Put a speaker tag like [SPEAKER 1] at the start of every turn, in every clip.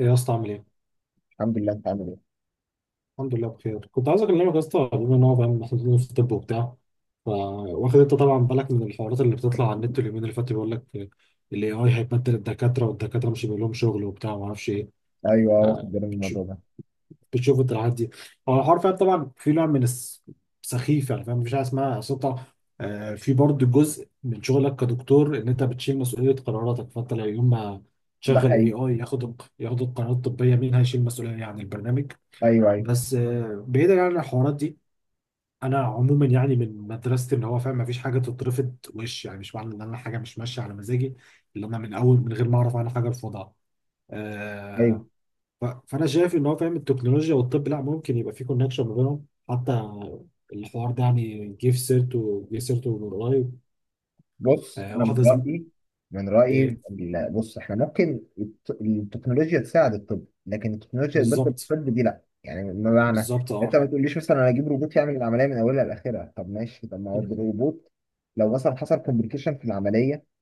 [SPEAKER 1] ايه يا اسطى عامل ايه؟
[SPEAKER 2] الحمد لله. انت عامل ايه؟
[SPEAKER 1] الحمد لله بخير، كنت عايز اكلمك يا اسطى بما ان هو فاهم محطوطين في الطب وبتاع. ف واخد انت طبعا بالك من الحوارات اللي بتطلع على النت اليومين اللي فاتوا، بيقول لك الاي اي هيبدل الدكاتره والدكاتره مش هيبقى لهم شغل وبتاع ما اعرفش ايه.
[SPEAKER 2] ايوه، واخد
[SPEAKER 1] آه،
[SPEAKER 2] بالي من
[SPEAKER 1] بتش-
[SPEAKER 2] الموضوع ده.
[SPEAKER 1] بتشوف انت الحاجات دي؟ هو الحوار فاهم طبعا في نوع من سخيف، يعني فاهم مفيش حاجه اسمها سلطه. في برضه جزء من شغلك كدكتور ان انت بتشيل مسؤوليه قراراتك، فانت لو يوم ما
[SPEAKER 2] ده
[SPEAKER 1] تشغل
[SPEAKER 2] حقيقي.
[SPEAKER 1] اي اي ياخد القرارات الطبيه، مين هيشيل مسؤوليه عن البرنامج؟
[SPEAKER 2] ايوه، ايوه،
[SPEAKER 1] بس بعيدا عن الحوارات دي، انا عموما يعني من مدرسه ان هو فاهم مفيش حاجه تترفض، وش يعني مش معنى ان انا حاجه مش ماشيه على مزاجي اللي انا من اول من غير ما اعرف عنها حاجه ارفضها.
[SPEAKER 2] ايوه.
[SPEAKER 1] آه فانا شايف ان هو فاهم التكنولوجيا والطب لا ممكن يبقى في كونكشن ما بينهم حتى. الحوار ده يعني جه في سيرته من قريب.
[SPEAKER 2] بص،
[SPEAKER 1] آه
[SPEAKER 2] انا من
[SPEAKER 1] واحده زم...
[SPEAKER 2] رايي، من رايي
[SPEAKER 1] ايه.
[SPEAKER 2] بص احنا ممكن التكنولوجيا تساعد الطب، لكن التكنولوجيا تبدل
[SPEAKER 1] بالظبط.
[SPEAKER 2] الطب دي لا، يعني بمعنى
[SPEAKER 1] بالظبط
[SPEAKER 2] انت
[SPEAKER 1] اه.
[SPEAKER 2] ما تقوليش مثلا انا اجيب روبوت يعمل العمليه من اولها لاخرها. طب ماشي، طب ما هو
[SPEAKER 1] مم.
[SPEAKER 2] الروبوت لو مثلا حصل كومبليكيشن في العمليه،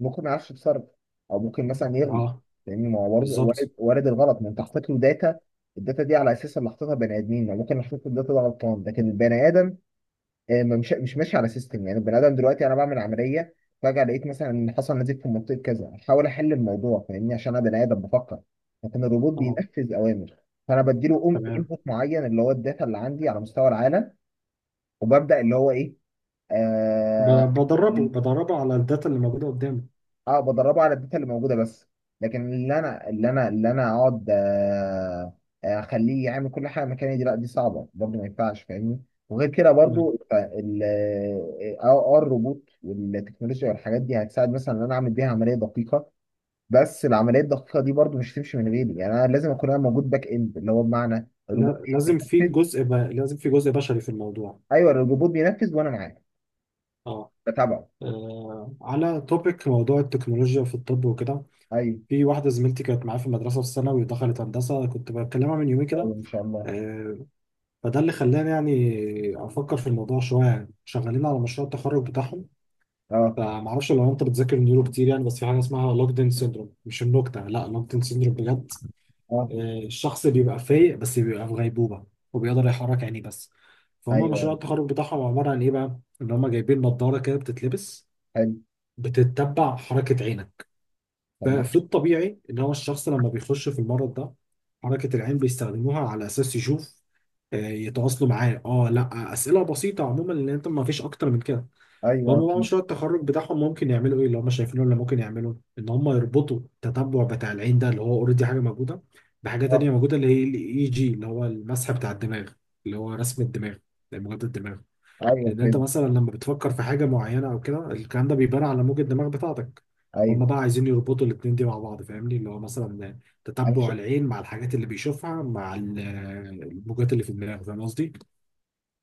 [SPEAKER 2] ممكن ما يعرفش يتصرف، او ممكن مثلا يغلط،
[SPEAKER 1] اه.
[SPEAKER 2] لان ما هو برضه
[SPEAKER 1] بالظبط
[SPEAKER 2] وارد وارد الغلط. ما انت حطيت له داتا، الداتا دي على اساس اللي حاططها بني ادمين، ما ممكن احط الداتا ده غلطان، لكن البني ادم ما مش ماشي على سيستم. يعني البني ادم دلوقتي انا بعمل عمليه، فجاه لقيت مثلا ان حصل نزيف في منطقه كذا، احاول احل الموضوع، فاهمني، عشان انا بني ادم بفكر، لكن الروبوت
[SPEAKER 1] اه.
[SPEAKER 2] بينفذ اوامر. فانا بديله
[SPEAKER 1] تمام.
[SPEAKER 2] انبوت معين، اللي هو الداتا اللي عندي على مستوى العالم، وببدا اللي هو ايه.
[SPEAKER 1] ب-
[SPEAKER 2] آه
[SPEAKER 1] بدربه بدربه على الداتا اللي موجوده قدامي.
[SPEAKER 2] اه بدربه على الداتا اللي موجوده بس. لكن اللي انا اقعد اخليه يعمل كل حاجه مكاني، دي لا، دي صعبه برضه، ما ينفعش، فاهمني. وغير كده برضه ال اه آه، آه، الروبوت والتكنولوجيا والحاجات دي هتساعد مثلا ان انا اعمل بيها عمليه دقيقه، بس العمليه الدقيقه دي برضه مش هتمشي من غيري. يعني انا لازم اكون انا موجود باك اند، اللي هو بمعنى الروبوت
[SPEAKER 1] لازم في
[SPEAKER 2] بينفذ.
[SPEAKER 1] جزء لازم في جزء بشري في الموضوع.
[SPEAKER 2] ايوه، الروبوت بينفذ وانا معاه
[SPEAKER 1] اه.
[SPEAKER 2] بتابعه.
[SPEAKER 1] على توبيك موضوع التكنولوجيا في الطب وكده،
[SPEAKER 2] ايوه،
[SPEAKER 1] في واحدة زميلتي كانت معايا في المدرسة في الثانوي ودخلت هندسة، كنت بكلمها من يومين كده.
[SPEAKER 2] ايوه، ان شاء الله.
[SPEAKER 1] آه، فده اللي خلاني يعني أفكر في الموضوع شوية، يعني شغالين على مشروع التخرج بتاعهم.
[SPEAKER 2] اه،
[SPEAKER 1] فمعرفش لو أنت بتذاكر نيورو كتير، يعني بس في حاجة اسمها لوكدين سيندروم، مش النكتة، لا لوكدين سيندروم بجد.
[SPEAKER 2] اه،
[SPEAKER 1] الشخص بيبقى فايق بس بيبقى في غيبوبة، وبيقدر يحرك عينيه بس. فهم مشروع
[SPEAKER 2] ايوه.
[SPEAKER 1] التخرج بتاعهم عبارة عن إيه بقى؟ إن هم جايبين نظارة كده بتتلبس،
[SPEAKER 2] حلو.
[SPEAKER 1] بتتبع حركة عينك.
[SPEAKER 2] طب
[SPEAKER 1] ففي
[SPEAKER 2] ماشي.
[SPEAKER 1] الطبيعي إن هو الشخص لما بيخش في المرض ده، حركة العين بيستخدموها على أساس يشوف، يتواصلوا معاه. اه لا، أسئلة بسيطة عموما، لأن أنت ما فيش أكتر من كده.
[SPEAKER 2] ايوه،
[SPEAKER 1] هم بقى
[SPEAKER 2] اكيد.
[SPEAKER 1] مشروع التخرج بتاعهم ممكن يعملوا ايه اللي هم شايفينه اللي ممكن يعملوا، ان هم يربطوا التتبع بتاع العين ده اللي هو اوريدي حاجه موجوده، بحاجه تانية
[SPEAKER 2] اه.
[SPEAKER 1] موجوده اللي هي الاي جي اللي هو المسح بتاع الدماغ، اللي هو رسم الدماغ، موجات الدماغ.
[SPEAKER 2] ايوه،
[SPEAKER 1] لان انت
[SPEAKER 2] فهمت.
[SPEAKER 1] مثلا لما بتفكر في حاجه معينه او كده، الكلام ده بيبان على موجة الدماغ بتاعتك.
[SPEAKER 2] ايوه،
[SPEAKER 1] هم بقى عايزين يربطوا الاتنين دي مع بعض فاهمني، اللي هو مثلا
[SPEAKER 2] انا ش...
[SPEAKER 1] تتبع العين مع الحاجات اللي بيشوفها مع الموجات اللي في الدماغ، فاهم قصدي؟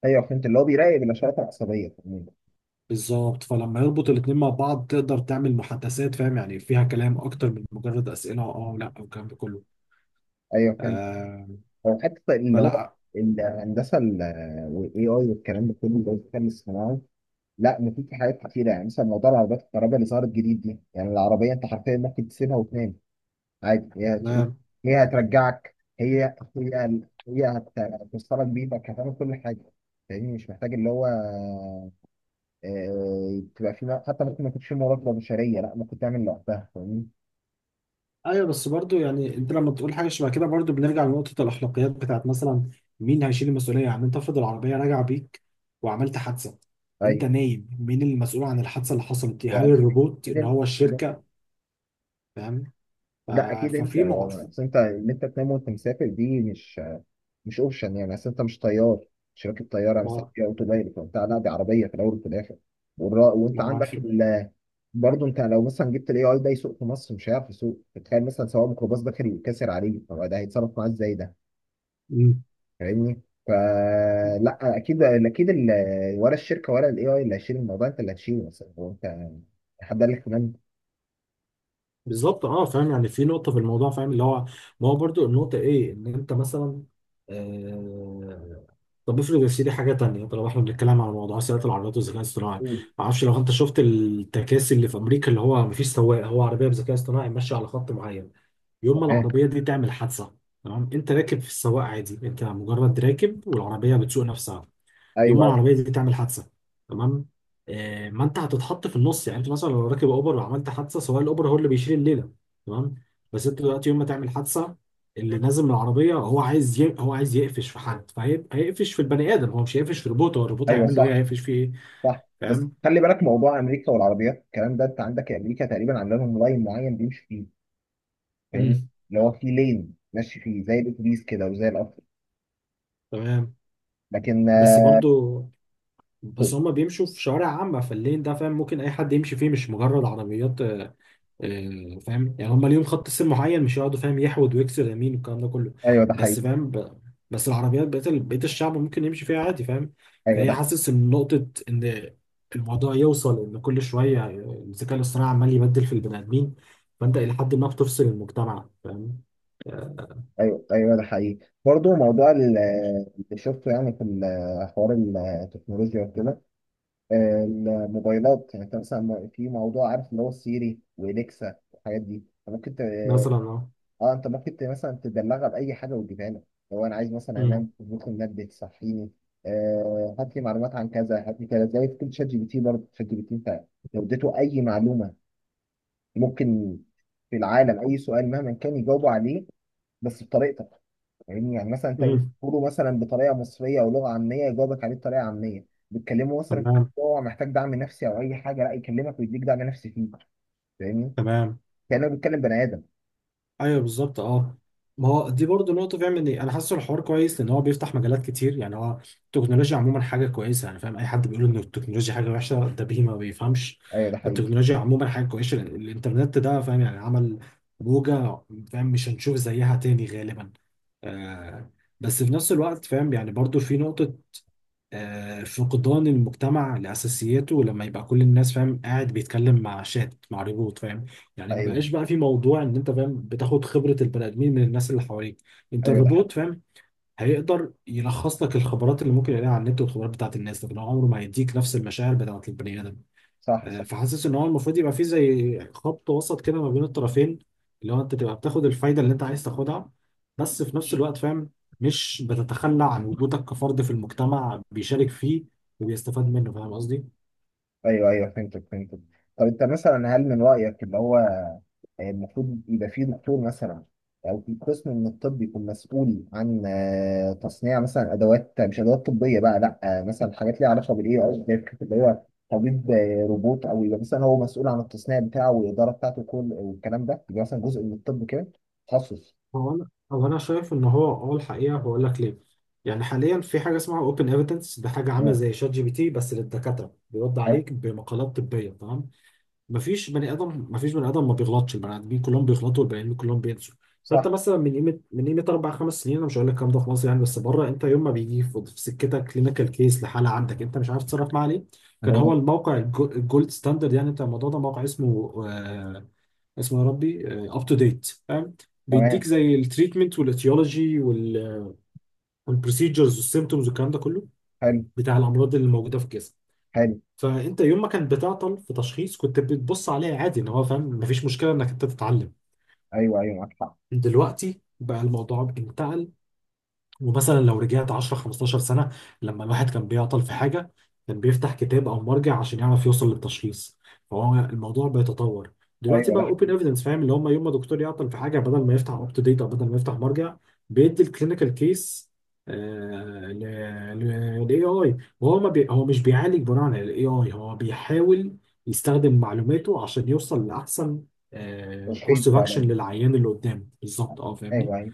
[SPEAKER 2] ايوه، فهمت، اللي هو بيراقب الاشارات العصبيه عموماً.
[SPEAKER 1] بالظبط، فلما يربط الاتنين مع بعض تقدر تعمل محادثات، فاهم يعني فيها كلام اكتر من مجرد اسئله اه ولا، والكلام ده كله.
[SPEAKER 2] ايوه، فهمت.
[SPEAKER 1] آه
[SPEAKER 2] هو حتى اللي هو
[SPEAKER 1] فلا.
[SPEAKER 2] الهندسه ال- والاي اي والكلام ده كله، اللي هو الذكاء الاصطناعي، لا مفيد في حاجات كتيره. يعني مثلا موضوع العربيات الكهرباء اللي ظهرت جديد دي، يعني العربيه انت حرفيا ممكن تسيبها وتنام عادي، هي هتسوق،
[SPEAKER 1] ما.
[SPEAKER 2] هي هترجعك، هتوصلك بيتك، هتعمل كل حاجه. فاهمني، مش محتاج اللي هو تبقى في، حتى ممكن ما يكونش في مراقبه بشريه، لا ممكن تعمل لوحدها، فاهمني.
[SPEAKER 1] ايوه. بس برضو يعني انت لما تقول حاجه شبه كده، برضو بنرجع لنقطه الاخلاقيات، بتاعت مثلا مين هيشيل المسؤوليه. يعني انت افرض العربيه راجعه بيك وعملت حادثه،
[SPEAKER 2] ايوه.
[SPEAKER 1] انت نايم، مين المسؤول عن الحادثه اللي حصلت دي؟ هل
[SPEAKER 2] واكيد،
[SPEAKER 1] الروبوت
[SPEAKER 2] اكيد
[SPEAKER 1] ان
[SPEAKER 2] انت.
[SPEAKER 1] هو الشركه؟ فاهم. ف-
[SPEAKER 2] لا، اكيد انت
[SPEAKER 1] ففي
[SPEAKER 2] هو.
[SPEAKER 1] معرف.
[SPEAKER 2] اصل انت ان انت تنام وانت مسافر، دي مش، مش اوبشن. يعني اصل انت مش طيار، مش راكب طياره مثلا
[SPEAKER 1] ما
[SPEAKER 2] في اوتو بايلوت وبتاع. لا، دي عربيه في الاول وفي الاخر، وانت
[SPEAKER 1] ما
[SPEAKER 2] عندك ال... برضه انت لو مثلا جبت الاي اي ده يسوق في مصر، مش هيعرف يسوق. تخيل مثلا سواق ميكروباص داخل يتكسر عليه، طب ده هيتصرف معاه ازاي ده؟
[SPEAKER 1] في
[SPEAKER 2] فاهمني. فلا، اكيد، اكيد ال... ولا الشركه ولا الاي اي اللي هيشيل الموضوع، انت اللي هتشيله. مثلا هو انت، حد قال لك؟ تمام.
[SPEAKER 1] بالظبط اه، فاهم يعني في نقطة في الموضوع فاهم اللي هو، ما هو برضو النقطة ايه ان انت مثلا. آه طب افرض يا سيدي حاجة تانية، طالما احنا بنتكلم على موضوع سيارة العربيات والذكاء الاصطناعي.
[SPEAKER 2] قول.
[SPEAKER 1] ما اعرفش لو انت شفت التكاسي اللي في امريكا اللي هو مفيش سواق، هو عربية بذكاء اصطناعي ماشية على خط معين. يوم ما
[SPEAKER 2] تمام.
[SPEAKER 1] العربية دي تعمل حادثة. تمام. انت راكب في السواق عادي، انت مجرد راكب والعربية بتسوق نفسها. يوم
[SPEAKER 2] ايوه،
[SPEAKER 1] ما
[SPEAKER 2] ايوه.
[SPEAKER 1] العربيه دي تعمل حادثه. تمام. ما انت هتتحط في النص، يعني انت مثلا لو راكب اوبر وعملت حادثه، سواء الاوبر هو اللي بيشيل الليله. تمام. بس انت دلوقتي يوم ما تعمل حادثه، اللي نازل من العربيه هو عايز هو عايز يقفش في حد، فهيقفش في البني ادم، هو مش هيقفش في روبوت، هو الروبوت
[SPEAKER 2] أيوه،
[SPEAKER 1] هيعمل له ايه،
[SPEAKER 2] صح،
[SPEAKER 1] هيقفش فيه ايه؟
[SPEAKER 2] صح. بس
[SPEAKER 1] فاهم.
[SPEAKER 2] خلي بالك، موضوع امريكا والعربيات الكلام ده، انت عندك امريكا تقريبا عامله لهم لاين معين بيمشي فيه. فاهمني،
[SPEAKER 1] امم.
[SPEAKER 2] اللي هو فيه لين ماشي فيه زي الاتوبيس كده وزي القطر.
[SPEAKER 1] تمام.
[SPEAKER 2] لكن
[SPEAKER 1] بس برضو، بس هما بيمشوا في شوارع عامة، فاللين ده فاهم ممكن أي حد يمشي فيه، مش مجرد عربيات. فاهم يعني هم ليهم خط سير معين، مش يقعدوا فاهم يحود ويكسر يمين والكلام ده كله.
[SPEAKER 2] ايوه، ده
[SPEAKER 1] بس
[SPEAKER 2] حقيقي.
[SPEAKER 1] فاهم بس العربيات بقيت بقيت الشعب ممكن يمشي فيها عادي، فاهم.
[SPEAKER 2] ايوه،
[SPEAKER 1] فهي
[SPEAKER 2] ده حقيقي.
[SPEAKER 1] حاسس ان نقطة ان الموضوع يوصل ان كل شوية الذكاء الاصطناعي عمال يبدل في البني ادمين، فانت الى حد ما بتفصل المجتمع، فاهم. آه،
[SPEAKER 2] ايوه، ايوه، ده حقيقي. برضه موضوع اللي شفته، يعني في حوار التكنولوجيا وكده، الموبايلات. يعني انت مثلا في موضوع، عارف اللي هو سيري واليكسا والحاجات دي، ممكن
[SPEAKER 1] مثلا اه.
[SPEAKER 2] اه، انت ممكن مثلا تدلعها باي حاجه وتجيبها لك. لو انا عايز مثلا
[SPEAKER 1] أمم،
[SPEAKER 2] انام، ممكن نبدا تصحيني. آه، هات لي معلومات عن كذا، هات لي كذا، زي في كل شات جي بي تي. برضه شات جي بي تي انت لو اديته اي معلومه، ممكن في العالم اي سؤال مهما كان يجاوبه عليه، بس بطريقتك. يعني, مثلا انت
[SPEAKER 1] أمم،
[SPEAKER 2] تقوله مثلا بطريقه مصريه او لغه عاميه، يجاوبك عليه بطريقه عاميه. بتكلمه مثلا في
[SPEAKER 1] تمام.
[SPEAKER 2] موضوع محتاج دعم نفسي او اي حاجه، لا يكلمك ويديك دعم نفسي فيه، فاهمني،
[SPEAKER 1] تمام.
[SPEAKER 2] كانه بيتكلم بني ادم.
[SPEAKER 1] ايوه بالظبط اه. ما هو دي برضه نقطة فاهم، ان انا حاسه الحوار كويس لان هو بيفتح مجالات كتير. يعني هو التكنولوجيا عموما حاجة كويسة، يعني فاهم اي حد بيقول ان التكنولوجيا حاجة وحشة ده بيه ما بيفهمش.
[SPEAKER 2] ايوه، ده حقيقي.
[SPEAKER 1] فالتكنولوجيا عموما حاجة كويسة، لأن الانترنت ده فاهم يعني عمل موجة، فاهم مش هنشوف زيها تاني غالبا. آه بس في نفس الوقت فاهم يعني برضه في نقطة، فقدان المجتمع لأساسياته لما يبقى كل الناس فاهم قاعد بيتكلم مع شات مع ريبوت، فاهم، يعني ما
[SPEAKER 2] ايوه،
[SPEAKER 1] بقاش بقى في موضوع ان انت فاهم بتاخد خبرة البني آدمين من الناس اللي حواليك. انت
[SPEAKER 2] ايوه، ده حقيقي.
[SPEAKER 1] الروبوت فاهم هيقدر يلخص لك الخبرات اللي ممكن يلاقيها على النت والخبرات بتاعت الناس، لكن هو عمره ما هيديك نفس المشاعر بتاعت البني آدم.
[SPEAKER 2] صح.
[SPEAKER 1] فحاسس ان هو المفروض يبقى فيه زي خط وسط كده ما بين الطرفين، اللي هو انت تبقى بتاخد الفايده اللي انت عايز تاخدها، بس في نفس الوقت فاهم مش بتتخلى عن وجودك كفرد في المجتمع بيشارك فيه وبيستفاد منه، فاهم قصدي؟
[SPEAKER 2] ايوه، ايوه، فهمتك، فهمتك. طب انت مثلا هل من رايك اللي هو المفروض يبقى فيه دكتور مثلا، او في قسم من الطب يكون مسؤول عن تصنيع مثلا ادوات، مش ادوات طبيه بقى، لا مثلا حاجات ليها علاقه بالاي او اللي هو طبيب روبوت، او يبقى مثلا هو مسؤول عن التصنيع بتاعه والاداره بتاعته وكل والكلام ده، يبقى مثلا جزء من الطب كده، تخصص.
[SPEAKER 1] هو انا شايف ان هو، اه، الحقيقه هقول لك ليه. يعني حاليا في حاجه اسمها اوبن ايفيدنس، ده حاجه عامله
[SPEAKER 2] تمام.
[SPEAKER 1] زي شات جي بي تي بس للدكاتره، بيرد
[SPEAKER 2] حلو.
[SPEAKER 1] عليك بمقالات طبيه. تمام. مفيش بني ادم ما بيغلطش، البني ادمين كلهم بيغلطوا والبني ادمين كلهم بينسوا. فانت
[SPEAKER 2] صح.
[SPEAKER 1] مثلا من قيمه اربع خمس سنين، انا مش هقول لك الكلام ده في مصر يعني بس بره، انت يوم ما بيجي في سكتك كلينيكال كيس لحاله عندك انت مش عارف تتصرف معاه ليه، كان هو
[SPEAKER 2] تمام.
[SPEAKER 1] الموقع الجولد ستاندرد. يعني انت الموضوع ده موقع اسمه آه اسمه يا ربي اب تو ديت، فاهم، بيديك
[SPEAKER 2] تمام.
[SPEAKER 1] زي التريتمنت والاتيولوجي والبروسيجرز والسيمتومز والكلام ده كله
[SPEAKER 2] حلو.
[SPEAKER 1] بتاع الامراض اللي موجوده في الجسم.
[SPEAKER 2] حلو.
[SPEAKER 1] فانت يوم ما كانت بتعطل في تشخيص، كنت بتبص عليها عادي، ان هو فاهم مفيش مشكله انك انت تتعلم.
[SPEAKER 2] ايوه، ايوه، معاك حق.
[SPEAKER 1] دلوقتي بقى الموضوع انتقل. ومثلا لو رجعت 10 15 سنة، لما الواحد كان بيعطل في حاجة كان بيفتح كتاب أو مرجع عشان يعرف يوصل للتشخيص. فهو الموضوع بيتطور. دلوقتي
[SPEAKER 2] ايوه،
[SPEAKER 1] بقى
[SPEAKER 2] ده
[SPEAKER 1] اوبن ايفيدنس فاهم، اللي هم يوم ما دكتور يعطل في حاجة بدل ما يفتح اب تو ديت أو بدل ما يفتح مرجع، بيدي الكلينيكال كيس للاي اي، وهو ما بي... هو مش بيعالج بناء على الاي اي، هو بيحاول يستخدم معلوماته عشان يوصل لأحسن
[SPEAKER 2] تشخيص
[SPEAKER 1] كورس اوف اكشن
[SPEAKER 2] فعلا.
[SPEAKER 1] للعيان اللي قدامه، بالظبط اه، فاهمني.
[SPEAKER 2] ايوه، ايوه.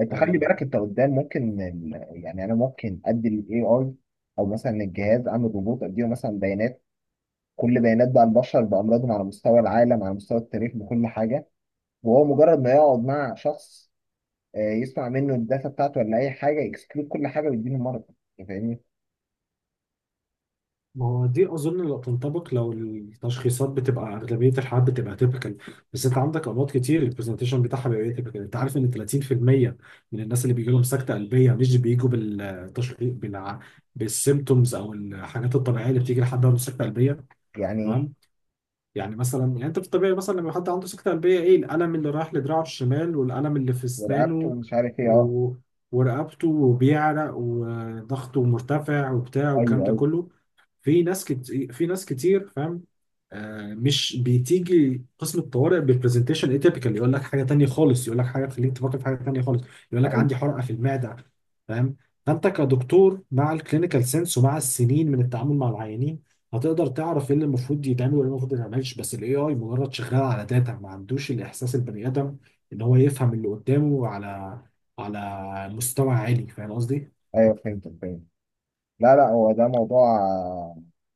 [SPEAKER 2] انت خلي
[SPEAKER 1] آه،
[SPEAKER 2] بالك، انت قدام ممكن يعني انا ممكن ادي الاي اي، او مثلا الجهاز، اعمل روبوت اديله مثلا بيانات، كل بيانات بقى البشر بامراضهم على مستوى العالم، على مستوى التاريخ، بكل حاجه، وهو مجرد ما يقعد مع شخص، يسمع منه الداتا بتاعته ولا اي حاجه، يكسكلود كل حاجه ويديله المرض، انت فاهمني.
[SPEAKER 1] ما هو دي اظن لو تنطبق لو التشخيصات بتبقى، اغلبيه الحالات بتبقى تيبيكال، بس انت عندك امراض كتير البرزنتيشن بتاعها بيبقى تيبيكال. انت عارف ان 30% من الناس اللي بيجي لهم سكته قلبيه مش بيجوا بالتشخيص بالسيمتومز او الحاجات الطبيعيه اللي بتيجي لحد عنده سكته قلبيه.
[SPEAKER 2] يعني
[SPEAKER 1] تمام. يعني مثلا يعني انت في الطبيعي مثلا لما حد عنده سكتة قلبية، ايه الألم اللي رايح لدراعه الشمال والألم اللي في
[SPEAKER 2] ورقبته
[SPEAKER 1] أسنانه
[SPEAKER 2] ومش عارف ايه، اه،
[SPEAKER 1] و... ورقبته، وبيعرق وضغطه مرتفع وبتاع
[SPEAKER 2] ايوه،
[SPEAKER 1] والكلام ده
[SPEAKER 2] ايوه.
[SPEAKER 1] كله. في ناس كتير، في ناس كتير فاهم، مش بتيجي قسم الطوارئ ببرزنتيشن اتيبيكال، يقول لك حاجة تانية خالص، يقول لك حاجة تخليك تفكر في حاجة تانية خالص، يقول لك
[SPEAKER 2] ايوه،
[SPEAKER 1] عندي حرقة في المعدة، فاهم. فانت كدكتور مع الكلينيكال سنس ومع السنين من التعامل مع العيانين هتقدر تعرف ايه اللي المفروض يتعمل وايه اللي المفروض ما يتعملش. بس الاي اي مجرد شغال على داتا، ما عندوش الاحساس البني ادم ان هو يفهم اللي قدامه على على مستوى عالي، فاهم قصدي؟
[SPEAKER 2] ايوه، فهمت، فهمت. لا، لا، هو ده موضوع،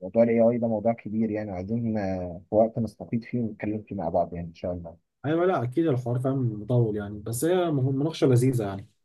[SPEAKER 2] الاي اي ده موضوع كبير. يعني عايزين في وقت نستفيد فيه ونتكلم فيه مع بعض، يعني ان شاء الله.
[SPEAKER 1] ايوه لا اكيد، الحوار فاهم مطول يعني، بس هي مناقشه لذيذه يعني.